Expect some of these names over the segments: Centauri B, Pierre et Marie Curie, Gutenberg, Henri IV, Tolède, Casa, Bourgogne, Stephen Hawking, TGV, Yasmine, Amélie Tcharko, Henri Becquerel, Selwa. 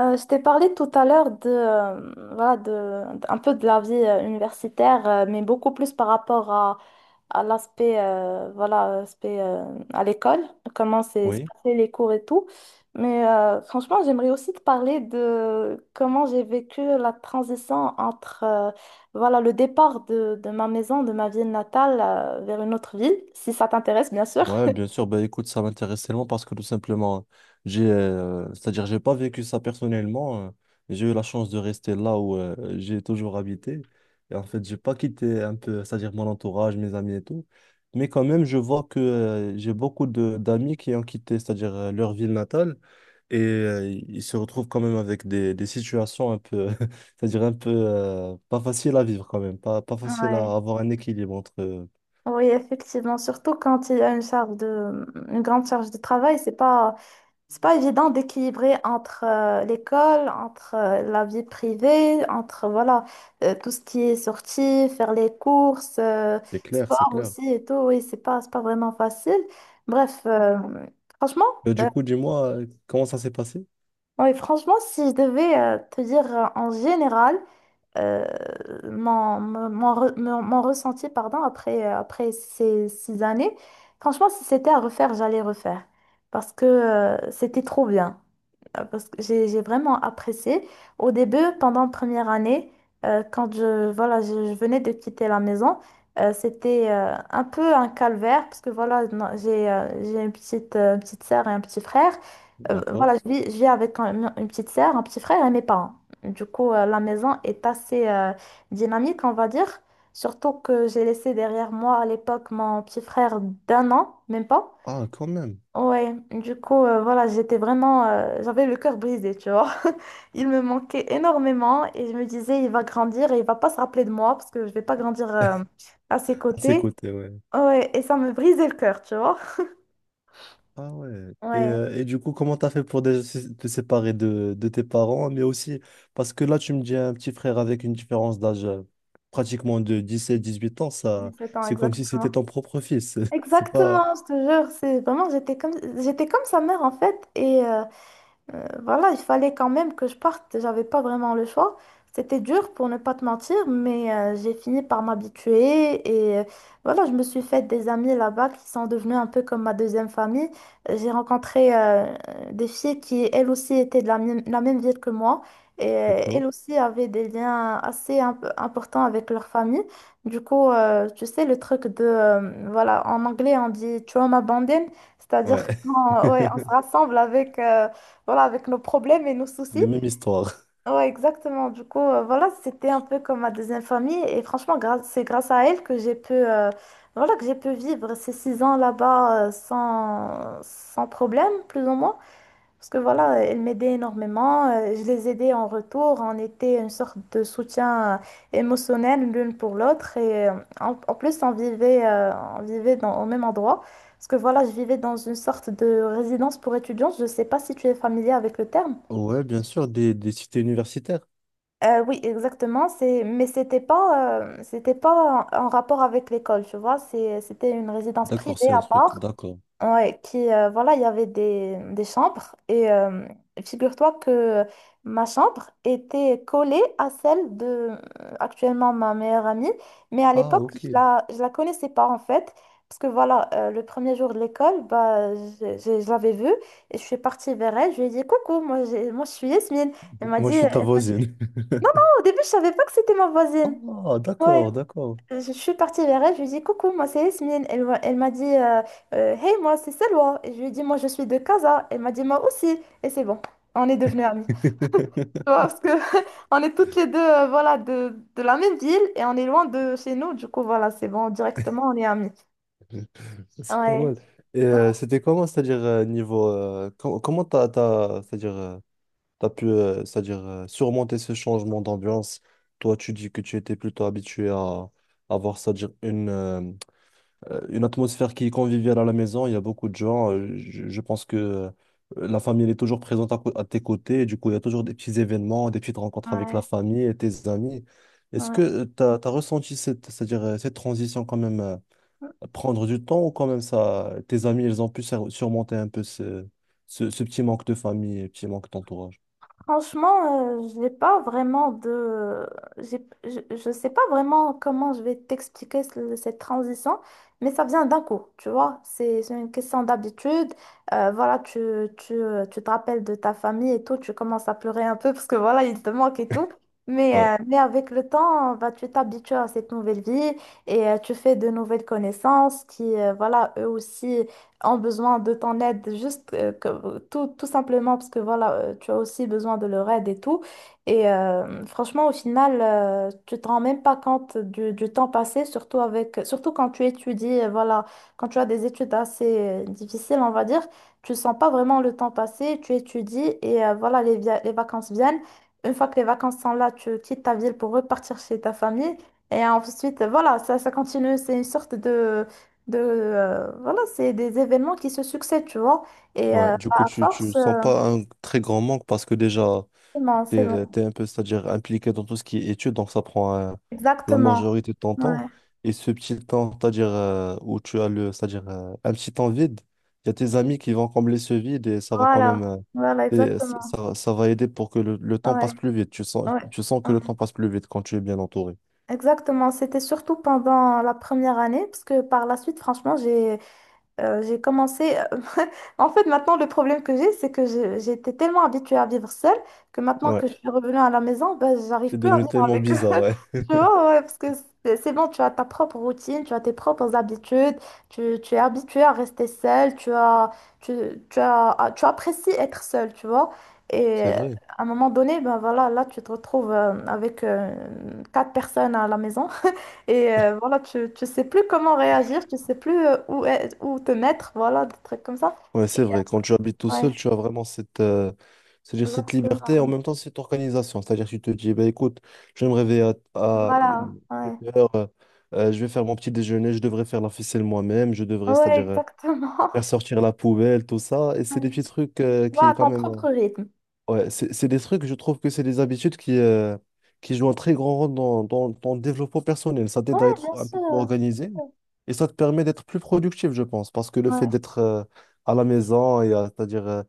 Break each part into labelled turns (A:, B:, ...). A: Je t'ai parlé tout à l'heure de, voilà, un peu de la vie universitaire, mais beaucoup plus par rapport à l'aspect, voilà, aspect, à l'école, comment c'est se
B: Oui,
A: passaient les cours et tout. Mais franchement, j'aimerais aussi te parler de comment j'ai vécu la transition entre, voilà, le départ de ma maison, de ma ville natale, vers une autre ville, si ça t'intéresse, bien sûr.
B: ouais, bien sûr. Bah, écoute, ça m'intéresse tellement parce que tout simplement, c'est-à-dire, j'ai pas vécu ça personnellement. J'ai eu la chance de rester là où j'ai toujours habité. Et en fait, j'ai pas quitté un peu, c'est-à-dire mon entourage, mes amis et tout. Mais quand même, je vois que j'ai beaucoup de d'amis qui ont quitté, c'est-à-dire leur ville natale, et ils se retrouvent quand même avec des situations un peu, c'est-à-dire un peu pas faciles à vivre quand même, pas facile
A: Ouais.
B: à avoir un équilibre entre.
A: Oui, effectivement, surtout quand il y a une une grande charge de travail, c'est pas évident d'équilibrer entre l'école, entre la vie privée, entre voilà, tout ce qui est sortie, faire les courses,
B: C'est clair, c'est
A: sport
B: clair.
A: aussi et tout. Oui, c'est pas vraiment facile. Bref, franchement,
B: Euh,
A: euh,
B: du coup, dis-moi, comment ça s'est passé?
A: oui, franchement, si je devais te dire en général, euh, mon ressenti pardon, après ces 6 années. Franchement, si c'était à refaire, j'allais refaire. Parce que c'était trop bien parce que j'ai vraiment apprécié. Au début, pendant la première année, quand je venais de quitter la maison, c'était un peu un calvaire parce que voilà, non, j'ai une petite sœur et un petit frère. Voilà,
B: D'accord.
A: je vis avec une petite sœur, un petit frère et mes parents. Du coup, la maison est assez dynamique, on va dire. Surtout que j'ai laissé derrière moi à l'époque mon petit frère d'un an, même pas.
B: Ah, quand même.
A: Ouais, du coup, voilà, j'avais le cœur brisé, tu vois. Il me manquait énormément et je me disais, il va grandir et il va pas se rappeler de moi parce que je vais pas grandir à ses
B: À ses
A: côtés.
B: côtés, ouais.
A: Ouais, et ça me brisait le cœur, tu vois.
B: Ah ouais. Et,
A: Ouais,
B: euh, et du coup, comment t'as fait pour déjà te séparer de tes parents, mais aussi parce que là, tu me dis un petit frère avec une différence d'âge pratiquement de 17-18 ans, ça,
A: 17 ans,
B: c'est comme si c'était
A: exactement.
B: ton propre fils. C'est pas.
A: Exactement, je te jure, j'étais comme sa mère en fait et voilà, il fallait quand même que je parte, j'avais pas vraiment le choix. C'était dur pour ne pas te mentir, mais j'ai fini par m'habituer et voilà, je me suis fait des amis là-bas qui sont devenus un peu comme ma deuxième famille. J'ai rencontré des filles qui, elles aussi, étaient de la la même ville que moi et elles
B: D'accord.
A: aussi avaient des liens assez importants avec leur famille. Du coup, tu sais, le truc de, voilà, en anglais, on dit trauma bonding, c'est-à-dire
B: Ouais.
A: qu'on ouais, on se rassemble avec voilà, avec nos problèmes et nos soucis.
B: Les mêmes histoires.
A: Ouais, exactement. Du coup, voilà, c'était un peu comme ma deuxième famille. Et franchement, c'est grâce à elle que j'ai pu, voilà, que j'ai pu vivre ces 6 ans là-bas sans problème, plus ou moins. Parce que voilà, elle m'aidait énormément. Je les aidais en retour. On était une sorte de soutien émotionnel l'une pour l'autre. Et en plus, on vivait au même endroit. Parce que voilà, je vivais dans une sorte de résidence pour étudiants. Je ne sais pas si tu es familier avec le terme.
B: Ouais, bien sûr, des cités universitaires.
A: Oui, exactement. Mais c'était pas en rapport avec l'école, tu vois. C'était une résidence
B: D'accord,
A: privée
B: c'est un
A: à
B: truc.
A: part.
B: D'accord.
A: Ouais, qui, voilà, il y avait des chambres. Et figure-toi que ma chambre était collée à celle de, actuellement, ma meilleure amie. Mais à
B: Ah,
A: l'époque,
B: ok.
A: je la connaissais pas, en fait. Parce que voilà, le premier jour de l'école, bah, je l'avais vue et je suis partie vers elle. Je lui ai dit, coucou, moi je suis Yasmine. Elle m'a
B: Moi,
A: dit,
B: je suis ta voisine.
A: non non, au début, je savais pas que c'était ma voisine.
B: Ah,
A: Ouais,
B: d'accord, d'accord.
A: je suis partie vers elle, je lui ai dit coucou, moi c'est Yasmine. Elle m'a dit hey, moi c'est Selwa. Et je lui ai dit moi je suis de Casa. Elle m'a dit moi aussi. Et c'est bon, on est devenus amies. Tu vois, parce que on est toutes les deux voilà, de la même ville et on est loin de chez nous. Du coup, voilà, c'est bon, directement on est amies.
B: C'est pas
A: Ouais,
B: mal. C'était comment, c'est-à-dire niveau comment c'est-à-dire t'as pu c'est-à-dire surmonter ce changement d'ambiance? Toi, tu dis que tu étais plutôt habitué à avoir, c'est-à-dire une atmosphère qui est conviviale à la maison. Il y a beaucoup de gens. Je pense que la famille elle est toujours présente à tes côtés. Et du coup, il y a toujours des petits événements, des petites rencontres avec la
A: ouais,
B: famille et tes amis. Est-ce
A: ouais.
B: que tu as ressenti cette, c'est-à-dire cette transition quand même? euh,
A: Ouais.
B: prendre du temps ou quand même ça, tes amis, ils ont pu surmonter un peu ce petit manque de famille et petit manque d'entourage.
A: Franchement, j'ai pas vraiment de... je sais pas vraiment comment je vais t'expliquer cette transition, mais ça vient d'un coup, tu vois. C'est une question d'habitude. Voilà, tu te rappelles de ta famille et tout, tu commences à pleurer un peu parce que voilà, il te manque et tout.
B: Ouais,
A: Mais avec le temps, bah, tu t'habitues à cette nouvelle vie et tu fais de nouvelles connaissances qui, voilà, eux aussi ont besoin de ton aide, juste tout, tout simplement parce que voilà, tu as aussi besoin de leur aide et tout. Et franchement, au final, tu te rends même pas compte du temps passé, surtout quand tu étudies, voilà, quand tu as des études assez difficiles, on va dire, tu sens pas vraiment le temps passer, tu étudies et voilà, les vacances viennent. Une fois que les vacances sont là, tu quittes ta ville pour repartir chez ta famille. Et ensuite, voilà, ça continue. C'est une sorte de voilà, c'est des événements qui se succèdent, tu vois, et
B: ouais. Du coup,
A: à
B: tu
A: force
B: sens pas un très grand manque parce que déjà,
A: c'est bon, c'est bon,
B: t'es un peu, c'est-à-dire impliqué dans tout ce qui est études, donc ça prend la
A: exactement,
B: majorité de ton
A: ouais,
B: temps. Et ce petit temps, c'est-à-dire où tu as le, c'est-à-dire un petit temps vide, il y a tes amis qui vont combler ce vide et ça va quand
A: voilà,
B: même,
A: voilà,
B: et ça,
A: exactement,
B: ça ça va aider pour que le temps
A: ouais,
B: passe plus vite. Tu sens,
A: ouais,
B: tu sens que
A: ouais.
B: le temps passe plus vite quand tu es bien entouré.
A: Exactement, c'était surtout pendant la première année parce que par la suite franchement j'ai commencé. En fait, maintenant, le problème que j'ai, c'est que j'étais tellement habituée à vivre seule que maintenant
B: Ouais,
A: que je suis revenue à la maison, ben, j'arrive
B: c'est
A: plus à
B: devenu
A: vivre
B: tellement
A: avec eux.
B: bizarre, ouais.
A: Tu vois, ouais, parce que c'est bon, tu as ta propre routine, tu as tes propres habitudes, tu es habituée à rester seule, tu, tu as, ah, tu apprécies être seule, tu vois.
B: C'est
A: Et
B: vrai.
A: à un moment donné, ben voilà, là, tu te retrouves avec 4 personnes à la maison. Et voilà, tu sais plus comment réagir, tu sais plus où te mettre, voilà, des trucs comme ça.
B: Ouais, c'est vrai. Quand tu habites tout seul,
A: Ouais,
B: tu as vraiment cette, c'est-à-dire cette liberté et en
A: exactement.
B: même temps cette organisation. C'est-à-dire que tu te dis, bah, écoute, je vais me réveiller à
A: Voilà,
B: 7
A: ouais.
B: heures, je vais faire mon petit déjeuner, je devrais faire la ficelle moi-même, je devrais,
A: Ouais,
B: c'est-à-dire
A: exactement.
B: faire sortir la poubelle, tout ça. Et c'est
A: Ouais.
B: des petits trucs
A: Ouais,
B: qui,
A: à
B: quand
A: ton
B: même.
A: propre rythme.
B: Ouais, c'est des trucs, je trouve que c'est des habitudes qui jouent un très grand rôle dans le développement personnel. Ça
A: Ouais,
B: t'aide à être
A: bien
B: un peu plus
A: sûr.
B: organisé et ça te permet d'être plus productif, je pense, parce que le fait
A: Ouais,
B: d'être à la maison, c'est-à-dire,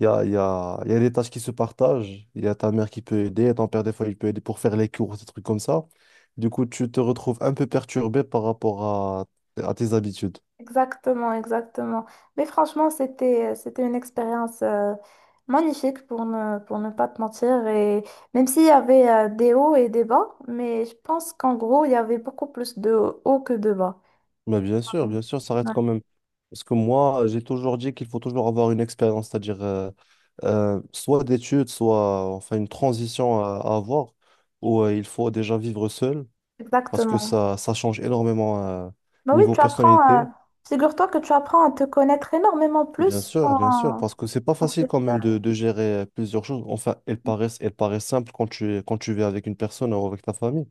B: il y a, il y a, il y a des tâches qui se partagent, il y a ta mère qui peut aider, ton père des fois il peut aider pour faire les courses, des trucs comme ça. Du coup, tu te retrouves un peu perturbé par rapport à tes habitudes.
A: exactement, exactement. Mais franchement, c'était une expérience magnifique pour ne pas te mentir. Et même s'il y avait des hauts et des bas, mais je pense qu'en gros, il y avait beaucoup plus de hauts que de bas.
B: Mais
A: Ouais,
B: bien sûr, ça reste quand même. Parce que moi, j'ai toujours dit qu'il faut toujours avoir une expérience, c'est-à-dire soit d'études, soit enfin une transition à avoir, où il faut déjà vivre seul, parce que
A: exactement.
B: ça change énormément
A: Bah oui,
B: niveau
A: tu apprends,
B: personnalité.
A: figure-toi que tu apprends à te connaître énormément plus
B: Bien sûr, parce que c'est pas
A: en
B: facile
A: fait,
B: quand même de gérer plusieurs choses. Enfin, elles paraissent simples quand tu vis avec une personne ou avec ta famille.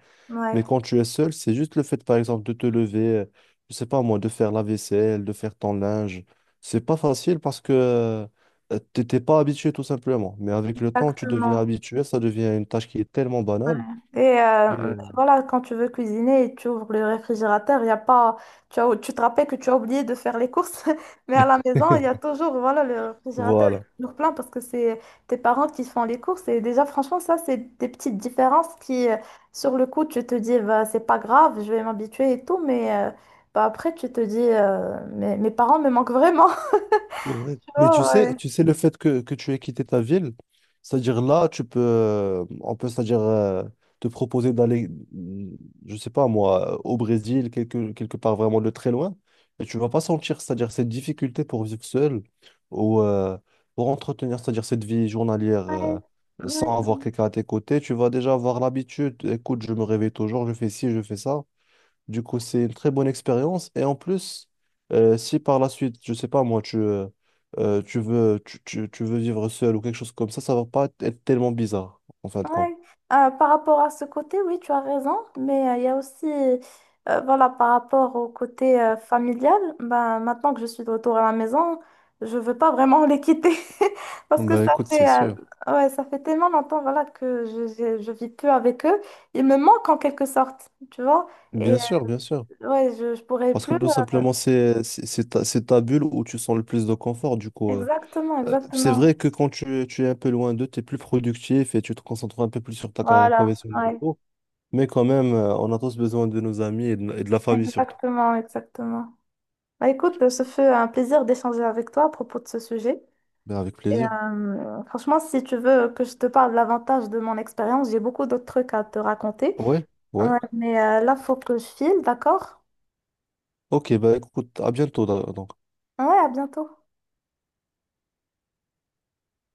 B: Mais
A: ouais,
B: quand tu es seul, c'est juste le fait, par exemple, de te lever, je sais pas moi, de faire la vaisselle, de faire ton linge. C'est pas facile parce que tu t'étais pas habitué tout simplement. Mais avec le temps, tu deviens
A: exactement.
B: habitué, ça devient une tâche qui est tellement banale.
A: Ouais. Et
B: Et euh,
A: voilà, quand tu veux cuisiner et tu ouvres le réfrigérateur, il y a pas, tu as- tu te rappelles que tu as oublié de faire les courses, mais à la maison, il y a toujours, voilà, le réfrigérateur est
B: voilà.
A: toujours plein parce que c'est tes parents qui font les courses. Et déjà, franchement, ça, c'est des petites différences qui, sur le coup, tu te dis, bah, c'est pas grave, je vais m'habituer et tout, mais bah, après, tu te dis, mes parents me manquent vraiment.
B: C'est vrai. Mais tu
A: Oh,
B: sais,
A: ouais.
B: tu sais le fait que tu aies quitté ta ville, c'est-à-dire là, tu peux, on peut, c'est-à-dire te proposer d'aller, je sais pas moi, au Brésil, quelque part vraiment de très loin, et tu vas pas sentir, c'est-à-dire cette difficulté pour vivre seul ou pour entretenir, c'est-à-dire cette vie journalière
A: Ouais,
B: sans
A: ouais.
B: avoir quelqu'un à tes côtés, tu vas déjà avoir l'habitude, écoute, je me réveille toujours, je fais ci, je fais ça. Du coup, c'est une très bonne expérience. Et en plus, si par la suite, je sais pas moi, tu veux, tu veux vivre seul ou quelque chose comme ça va pas être tellement bizarre, en fin de compte.
A: Ouais. Par rapport à ce côté, oui, tu as raison, mais il y a aussi, voilà, par rapport au côté familial, ben, maintenant que je suis de retour à la maison, je veux pas vraiment les quitter parce que
B: Bah
A: ça
B: écoute,
A: fait,
B: c'est sûr.
A: ouais, ça fait tellement longtemps, voilà, que je vis plus avec eux. Ils me manquent en quelque sorte, tu vois, et
B: Bien sûr, bien sûr.
A: ouais, je pourrais
B: Parce que
A: plus.
B: tout simplement, c'est ta bulle où tu sens le plus de confort. Du coup,
A: Exactement,
B: c'est
A: exactement.
B: vrai que quand tu es un peu loin d'eux, tu es plus productif et tu te concentres un peu plus sur ta carrière
A: Voilà,
B: professionnelle et
A: ouais,
B: tout. Mais quand même, on a tous besoin de nos amis et de la famille surtout.
A: exactement, exactement. Bah, écoute, ce fut un plaisir d'échanger avec toi à propos de ce sujet.
B: Ben avec
A: Et,
B: plaisir.
A: franchement, si tu veux que je te parle davantage de mon expérience, j'ai beaucoup d'autres trucs à te raconter.
B: Ouais, ouais.
A: Ouais, mais là, faut que je file, d'accord?
B: Ok, bah écoute, à bientôt donc.
A: Ouais, à bientôt.